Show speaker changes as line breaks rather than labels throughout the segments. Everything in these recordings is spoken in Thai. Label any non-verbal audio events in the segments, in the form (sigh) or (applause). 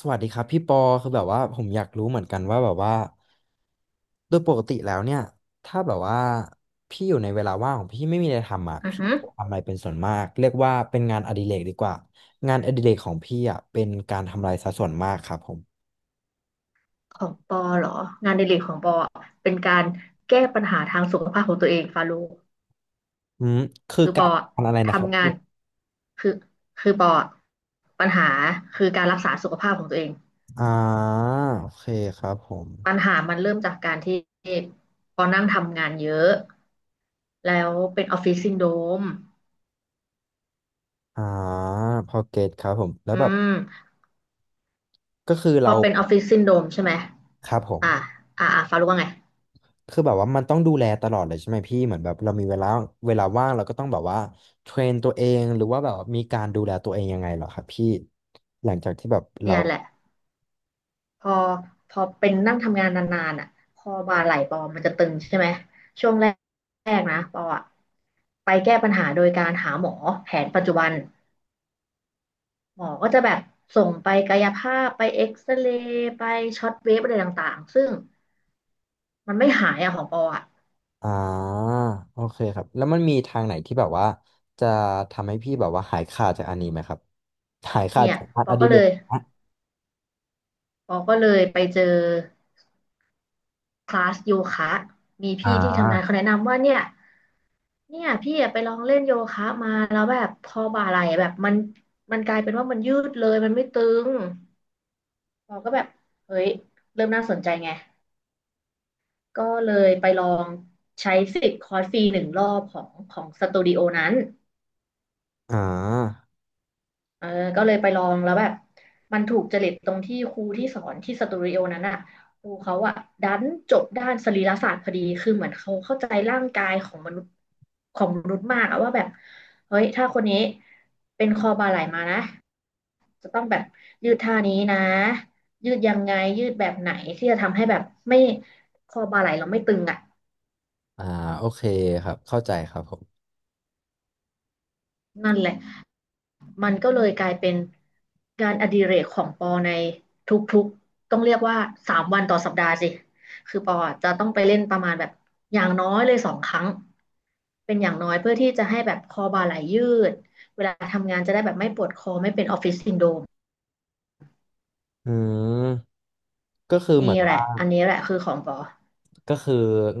สวัสดีครับพี่ปอคือแบบว่าผมอยากรู้เหมือนกันว่าแบบว่าโดยปกติแล้วเนี่ยถ้าแบบว่าพี่อยู่ในเวลาว่างของพี่ไม่มีอะไรทำอ่ะ
อือ
พี่
ฮึ
ทำอะไรเป็นส่วนมากเรียกว่าเป็นงานอดิเรกดีกว่างานอดิเรกของพี่อ่ะเป็นการทำลายซะส่วนมากครับผม
ของปอเหรอ งานอดิเรกของปออะเป็นการแก้ปัญหาทางสุขภาพของตัวเองฟาโล
อืมคือ
คือป
กา
อ
ร
อะ
ทำอะไรนะครับ
ทำงา
พี่
นคือคือปออะปัญหาคือการรักษาสุขภาพของตัวเอง
อ่าโอเคครับผม
ปัญหามันเริ่มจากการที่ปอนั่งทำงานเยอะ แล้วเป็นออฟฟิศซินโดรม
อ่าพอเก็ตครับผมแล้ว
อื
แบบ
ม
ก็คือ
พอ
เรา
เป็นออฟฟิศซินโดรมใช่ไหม
ครับผม
อ่าฟาโลว่าไง
คือแบบว่ามันต้องดูแลตลอดเลยใช่ไหมพี่เหมือนแบบเรามีเวลาเวลาว่างเราก็ต้องแบบว่าเทรนตัวเองหรือว่าแบบว่ามีการดูแลตัวเองยังไงเหรอครับพี่หลังจากที่แบบเรา
เนี่ยแหละ พอพอเป็นนั่งทำงานนานๆอ่ะคอบ่าไหล่ปอมันจะตึงใช่ไหมช่วงแรกๆนะปออ่ะไปแก้ปัญหาโดยการหาหมอแผนปัจจุบันหมอก็จะแบบส่งไปกายภาพไปเอ็กซเรย์ไปช็อตเวฟอะไรต่างๆซึ่งมันไม่หายอะของปออ่ะ
อ่าโอเคครับแล้วมันมีทางไหนที่แบบว่าจะทำให้พี่แบบว่าหายขาดจากอันนี้ไหมครับหายขาด
เนี่ย
จากงาน
ป
อ
อ
ดิ
ก็
เร
เล
ก
ย
นะ
ไปเจอคลาสโยคะมี
อ่
พี่ที่ทำงานเขา
า
แนะนำว่าเนี่ย เนี่ยพี่อะไปลองเล่นโยคะมาแล้วแบบพอบ่าไหล่แบบมันมันกลายเป็นว่ามันยืดเลยมันไม่ตึงเราก็แบบเฮ้ยเริ่มน่าสนใจไงก็เลยไปลองใช้สิทธิ์คอร์สฟรีหนึ่งรอบของสตูดิโอนั้น
อ่า
เออก็เลยไปลองแล้วแบบมันถูกจริตตรงที่ครูที่สอนที่สตูดิโอนั้นอ่ะครูเขาอ่ะดันจบด้านสรีรศาสตร์พอดีคือเหมือนเขาเข้าใจร่างกายของมนุษย์มากอะว่าแบบเฮ้ยถ้าคนนี้เป็นคอบ่าไหล่มานะจะต้องแบบยืดท่านี้นะยืดยังไงยืดแบบไหนที่จะทำให้แบบไม่คอบ่าไหล่เราไม่ตึงอ่ะ
อ่าโอเคครับเข้าใจครับผม
นั่นแหละ มันก็เลยกลายเป็นงานอดิเรกของปอในทุกๆต้องเรียกว่าสามวันต่อสัปดาห์สิคือปออจะต้องไปเล่นประมาณแบบอย่างน้อยเลยสองครั้งเป็นอย่างน้อยเพื่อที่จะให้แบบคอบ่าไหลยืดเวลาทำงานจะได้แบบไม่ปวดคอไม่เป็นออฟฟิศซินโดรม
อืมก็คือ
นี่
เหมือน
แหละ
ว่า
อันนี้แหละคือของปอ
ก็คือ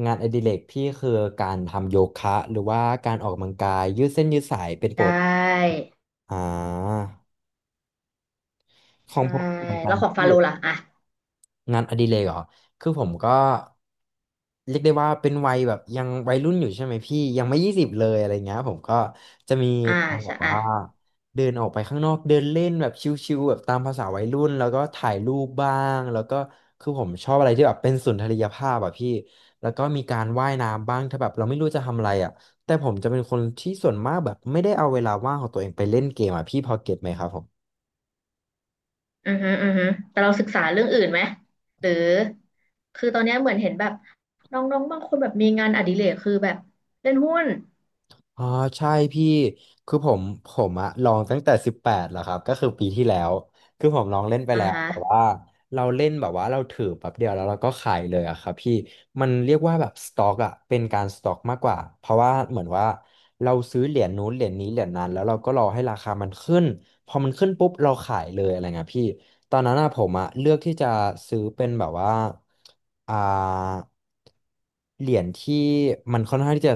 งานอดิเรกพี่คือการทำโยคะหรือว่าการออกกำลังกายยืดเส้นยืดสายเป็น
ใช
ปกติ
่
อ่าของ
ใช่
ผมเหมือนกั
แล้
น
วของฟา
พี่
โลล่ะอ่ะ
งานอดิเรกเหรอคือผมก็เรียกได้ว่าเป็นวัยแบบยังวัยรุ่นอยู่ใช่ไหมพี่ยังไม่20เลยอะไรเงี้ยผมก็จะมี
อ่า
การแบ
ใช่
บ
อ่ะ
ว่าเดินออกไปข้างนอกเดินเล่นแบบชิวๆแบบตามภาษาวัยรุ่นแล้วก็ถ่ายรูปบ้างแล้วก็คือผมชอบอะไรที่แบบเป็นสุนทรียภาพอะพี่แล้วก็มีการว่ายน้ำบ้างถ้าแบบเราไม่รู้จะทำอะไรอะแต่ผมจะเป็นคนที่ส่วนมากแบบไม่ได้เอาเวลาว่างของตัวเองไปเล่นเกมอะพี่พอเก็ตไหมครับผม
อือฮึอือฮึแต่เราศึกษาเรื่องอื่นไหมหรือคือตอนเนี้ยเหมือนเห็นแบบน้องๆบางคนแบบมีงานอดิเรกคือแบบเล่นหุ้น
อ๋อใช่พี่คือผมอะลองตั้งแต่สิบแปดแล้วครับก็คือปีที่แล้วคือผมลองเล่นไป
อ่า
แล้ว
ฮะ
แต่ว่าเราเล่นแบบว่าเราถือแป๊บเดียวแล้วเราก็ขายเลยอะครับพี่มันเรียกว่าแบบสต็อกอะเป็นการสต็อกมากกว่าเพราะว่าเหมือนว่าเราซื้อเหรียญนู้นเหรียญนี้เหรียญนั้นแล้วเราก็รอให้ราคามันขึ้นพอมันขึ้นปุ๊บเราขายเลยอะไรเงี้ยพี่ ตอนนั้นอะผมอะเลือกที่จะซื้อเป็นแบบว่าอ่าเหรียญที่มันค่อนข้างที่จะ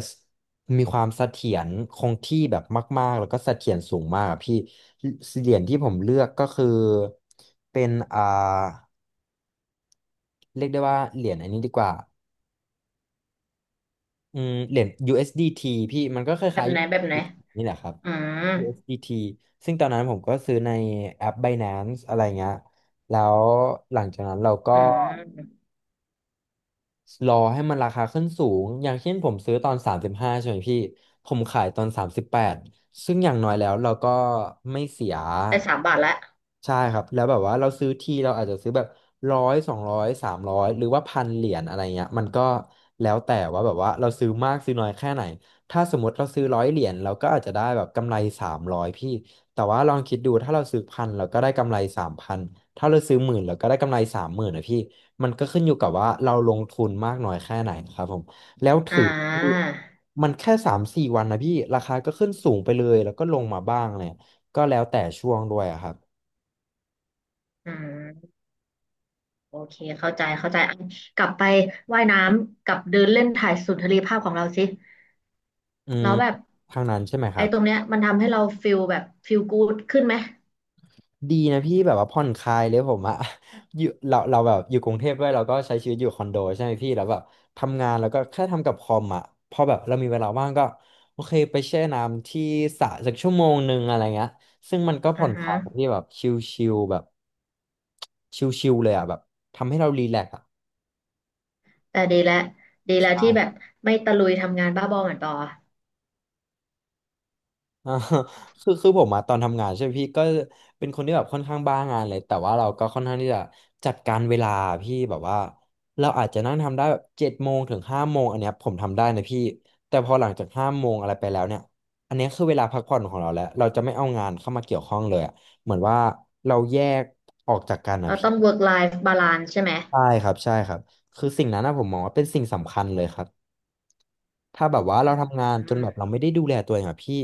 มีความเสถียรคงที่แบบมากๆแล้วก็เสถียรสูงมากอะพี่เหรียญที่ผมเลือกก็คือเป็นเรียกได้ว่าเหรียญอันนี้ดีกว่าอืมเหรียญ USDT พี่มันก็ค
แบ
ล้า
บ
ย
ไหนแบบไห
ๆ
น
USDT นี่แหละครับ
อืม
USDT ซึ่งตอนนั้นผมก็ซื้อในแอป Binance อะไรเงี้ยแล้วหลังจากนั้นเราก็
อืม
รอให้มันราคาขึ้นสูงอย่างเช่นผมซื้อตอน35ใช่ไหมพี่ผมขายตอน38ซึ่งอย่างน้อยแล้วเราก็ไม่เสีย
ได้สามบาทและ
ใช่ครับแล้วแบบว่าเราซื้อทีเราอาจจะซื้อแบบร้อย200สามร้อยหรือว่าพันเหรียญอะไรเงี้ยมันก็แล้วแต่ว่าแบบว่าเราซื้อมากซื้อน้อยแค่ไหนถ้าสมมติเราซื้อ100 เหรียญเราก็อาจจะได้แบบกำไรสามร้อยพี่แต่ว่าลองคิดดูถ้าเราซื้อพันเราก็ได้กำไร3,000ถ้าเราซื้อหมื่นเราก็ได้กำไร30,000นะพี่ มันก็ขึ้นอยู่กับว่าเราลงทุนมากน้อยแค่ไหนครับผมแล้ว
อ่
ถือที่
า
มันแค่สามสี่วันนะพี่ราคาก็ขึ้นสูงไปเลยแล้วก็ลงมาบ้างเลยก็แล้วแต่ช่วงด้วยอะครับ
อืมโอเคเข้าใจเข้าใจอ่ะกลับไปว่ายน้ำกับเดินเล่นถ่ายสุนทรีภาพของเราสิ
อืม
แล้วแบบ
ทางนั้นใช่ไหมค
ไอ้
รับ
ตรงเนี้ยมันทำให้เราฟิลแบบฟิลกู๊ดขึ้นไหม
ดีนะพี่แบบว่าผ่อนคลายเลยผมอะ (laughs) อยู่เราแบบอยู่กรุงเทพด้วยเราก็ใช้ชีวิตอยู่คอนโดใช่ไหมพี่แล้วแบบทำงานแล้วก็แค่ทำกับคอมอะพอแบบเรามีเวลาว่างก็โอเคไปแช่น้ำที่สระสักชั่วโมงหนึ่งอะไรเงี้ยซึ่งมันก็ผ่
อื
อ
อ
นค
ฮึ
ลายที่แบบชิลๆแบบชิลๆเลยอะแบบทำให้เรารีแลกซ์อะ
แต่ดีแล้วดีแล้วที่แบบไม่ตะลุยทำงานบ้าบอเหมือนปอ
อ่า (laughs) คือผมมาตอนทำงานใช่ไหมพี่ก็เป็นคนที่แบบค่อนข้างบ้างานเลยแต่ว่าเราก็ค่อนข้างที่จะจัดการเวลาพี่แบบว่าเราอาจจะนั่งทำได้แบบ7 โมงถึง 5 โมงอันเนี้ยผมทำได้นะพี่แต่พอหลังจากห้าโมงอะไรไปแล้วเนี่ยอันเนี้ยคือเวลาพักผ่อนของเราแล้วเราจะไม่เอางานเข้ามาเกี่ยวข้องเลยอะเหมือนว่าเราแยกออกจากกันนะ
เรา
พี่
ต้อง work life balance ใช่ไหม
ใช่ครับใช่ครับคือสิ่งนั้นนะผมมองว่าเป็นสิ่งสำคัญเลยครับ ถ้าแบบว่า
อื
เรา
ม
ทำงาน
อื
จนแบ
ม
บเราไม่ได้ดูแลตัวเองอะพี่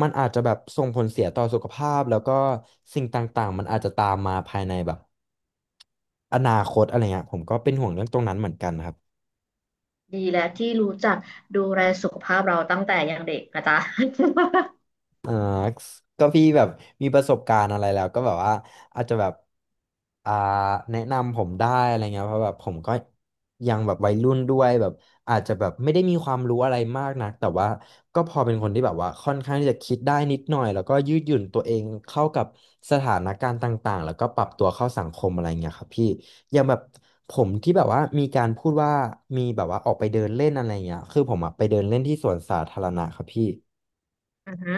มันอาจจะแบบส่งผลเสียต่อสุขภาพแล้วก็สิ่งต่างๆมันอาจจะตามมาภายในแบบอนาคตอะไรเงี้ยผมก็เป็นห่วงเรื่องตรงนั้นเหมือนกันครับ
ดีแล้วที่รู้จักดูแลสุขภาพเราตั้งแต่ยังเด็กนะจ๊ะ
ก็พี่แบบมีประสบการณ์อะไรแล้วก็แบบว่าอาจจะแบบอ่าแนะนำผมได้อะไรเงี้ยเพราะแบบผมก็ยังแบบวัยรุ่นด้วยแบบอาจจะแบบไม่ได้มีความรู้อะไรมากนักแต่ว่าก็พอเป็นคนที่แบบว่าค่อนข้างที่จะคิดได้นิดหน่อยแล้วก็ยืดหยุ่นตัวเองเข้ากับสถานการณ์ต่างๆแล้วก็ปรับตัวเข้าสังคมอะไรเงี้ยครับพี่อย่างแบบผมที่แบบว่ามีการพูดว่ามีแบบว่าออกไปเดินเล่นอะไรเงี้ยคือผมอะไปเดินเล่นที่สวนสาธารณะครับพี่
(laughs) อือฮึ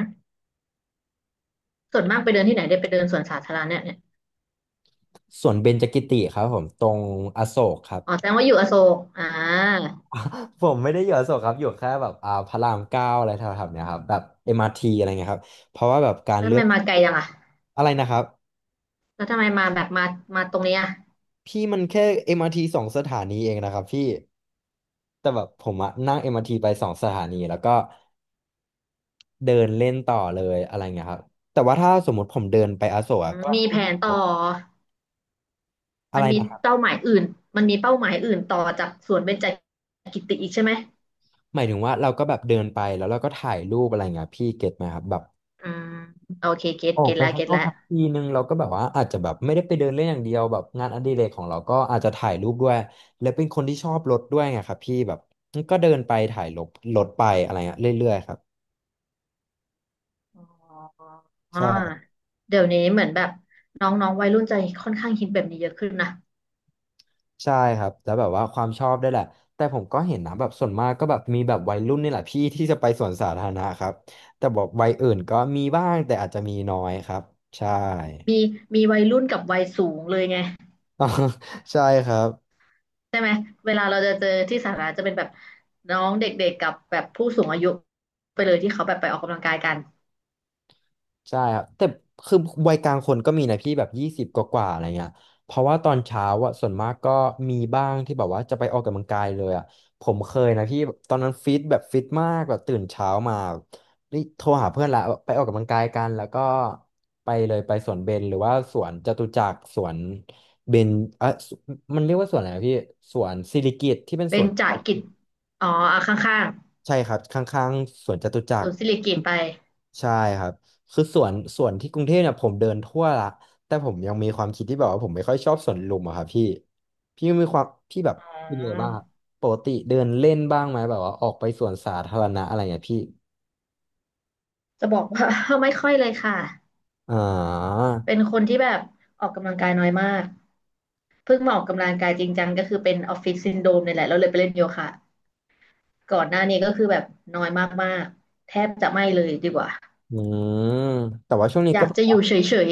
ส่วนมากไปเดินที่ไหนได้ไปเดินสวนสาธารณะเนี่ยนี่
สวนเบญจกิติครับผมตรงอโศกครับ
อ๋อแสดงว่าอยู่อโศกอ่า
ผมไม่ได้อยู่อโศกครับอยู่แค่แบบพระรามเก้าอะไรแถวๆเนี้ยครับแบบเอ็มอาร์ทีอะไรเงี้ยครับเพราะว่าแบบการ
แล้วทำ
เลื
ไม
อก
มาไกลจังอ่ะ
อะไรนะครับ
แล้วทำไมมาแบบมามาตรงเนี้ย
พี่มันแค่เอ็มอาร์ทีสองสถานีเองนะครับพี่แต่แบบผมอะนั่งเอ็มอาร์ทีไปสองสถานีแล้วก็เดินเล่นต่อเลยอะไรเงี้ยครับแต่ว่าถ้าสมมติผมเดินไปอโศก
อื
อะ
มมีแผนต่
ก็
อ
อะ
มั
ไร
นมี
นะครับ
เป้าหมายอื่นมันมีเป้าหมายอื่นต่อจากสวนเบญจกิติอีกใช่ไหม
หมายถึงว่าเราก็แบบเดินไปแล้วเราก็ถ่ายรูปอะไรเงี้ยพี่เก็ตไหมครับแบบ
อืมโอเคเก็ต
ออก
เก็ต
ไป
แล้ว
ข้าง
เก็ต
นอก
แล้ว
ทักทีนึงเราก็แบบว่าอาจจะแบบไม่ได้ไปเดินเล่นอย่างเดียวแบบงานอดิเรกของเราก็อาจจะถ่ายรูปด้วยและเป็นคนที่ชอบรถด้วยไงครับพี่แบบก็เดินไปถ่ายรถไปอะไรเงี้ยเรื่อยๆครับ
อ๋อ
ใช่
เดี๋ยวนี้เหมือนแบบน้องๆวัยรุ่นจะค่อนข้างฮิตแบบนี้เยอะขึ้นนะ
ใช่ครับแล้วแบบว่าความชอบได้วยแหละแต่ผมก็เห็นนะแบบส่วนมากก็แบบมีแบบวัยรุ่นนี่แหละพี่ที่จะไปสวนสาธารณะครับแต่บอกวัยอื่นก็มีบ้างแต่อาจจะมีน้อยครับใช่
มีมีวัยรุ่นกับวัยสูงเลยไง
(laughs) ใช่ครับ
ใช่ไหมเวลาเราจะเจอที่สาธารณะจะเป็นแบบน้องเด็กๆกับแบบผู้สูงอายุไปเลยที่เขาแบบไปออกกำลังกายกัน
ใช่ครับแต่คือวัยกลางคนก็มีนะพี่แบบยี่สิบกว่าๆอะไรเงี้ยเพราะว่าตอนเช้าอะส่วนมากก็มีบ้างที่แบบว่าจะไปออกกำลังกายเลยอะผมเคยนะพี่ตอนนั้นฟิตแบบฟิตมากแบบตื่นเช้ามานี่โทรหาเพื่อนละไปออกกำลังกายกันแล้วก็ไปเลยไปสวนเบญหรือว่าสวนจตุจักรสวนเบญเอ่ะมันเรียกว่าสวนอะไรนะพี่สวนสิริกิติ์ที่เป็นส
เป็น
วนจตุ
จะ
จัก
กิจ
ร
อ๋ออ่ะข้าง
ใช่ครับข้างๆสวนจตุจั
ๆศู
กร
นย์สิริกิติ์ไป
ใช่ครับคือสวนที่กรุงเทพเนี่ยผมเดินทั่วละแต่ผมยังมีความคิดที่แบบว่าผมไม่ค่อยชอบสวนลุมอะครับพี่พี่มีความพี่แบบ
อ๋อ
เป็นยังไงบ้างครับปกติเดินเล่นบ้างไหมแบบว่าออกไปสวนสาธารณะอะไรเงี้ยพี่
จะบอกว่า (laughs) ไม่ค่อยเลยค่ะ
อ่า
เป็นคนที่แบบออกกำลังกายน้อยมากเพิ่งมาออกกำลังกายจริงจังก็คือเป็นออฟฟิศซินโดรมเนี่ยแหละเราเลยไปเล่นโยคะ ก่อนหน้านี้ก็คือแบบน้อยมากๆแทบจะไม่เลยดีกว่า
อืมแต่ว่าช่วงนี้
อ
ก็
ยาก
แบบ
จะอ
ว่า
ยู่เฉย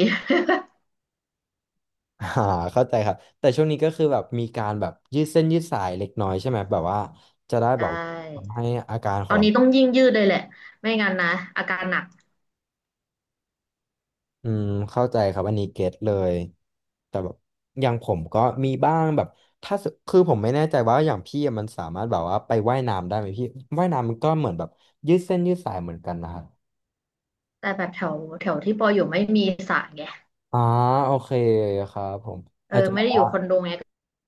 (laughs) อ่าเข้าใจครับแต่ช่วงนี้ก็คือแบบมีการแบบยืดเส้นยืดสายเล็กน้อยใช่ไหมแบบว่าจะได้
ๆ (laughs) ได
แบบ
้
ทำให้อาการข
ต
อง
อน
เรา
นี้ต้องยิ่งยืดเลยแหละไม่งั้นนะอาการหนัก
อืมเข้าใจครับอันนี้เก็ตเลยแต่แบบอย่างผมก็มีบ้างแบบถ้าสคือผมไม่แน่ใจว่าอย่างพี่อะมันสามารถแบบว่าไปว่ายน้ำได้ไหมพี่ว่ายน้ำมันก็เหมือนแบบยืดเส้นยืดสายเหมือนกันนะครับ
แต่แบบแถวแถวที่ปออยู่ไม่มีสระไง
อ่าโอเคครับผม
เออ
อาจจะ
ไม่
แบบ
ได้อยู่
ว่า
คอนโดไง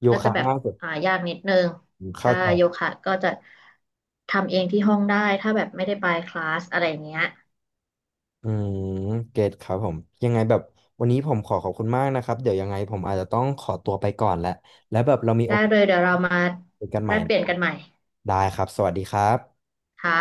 โย
ก็จะ
คะ
แบบ
ง่ายสุด
อ่ายากนิดนึง
ผมเข้า
ใช่
ใจ
โยคะก็จะทำเองที่ห้องได้ถ้าแบบไม่ได้ไปคลาสอะไรอย่างเงี้ย
อืมเกตครับผมยังไงแบบวันนี้ผมขอขอบคุณมากนะครับเดี๋ยวยังไงผมอาจจะต้องขอตัวไปก่อนแหละแล้วแบบเรามีโอ
ได้
กา
เลยเดี๋ยวเรา
ส
มา
คุยกันให
แล
ม่
กเป
นะ
ลี่ย
ค
น
รั
กั
บ
นใหม่
ได้ครับสวัสดีครับ
ค่ะ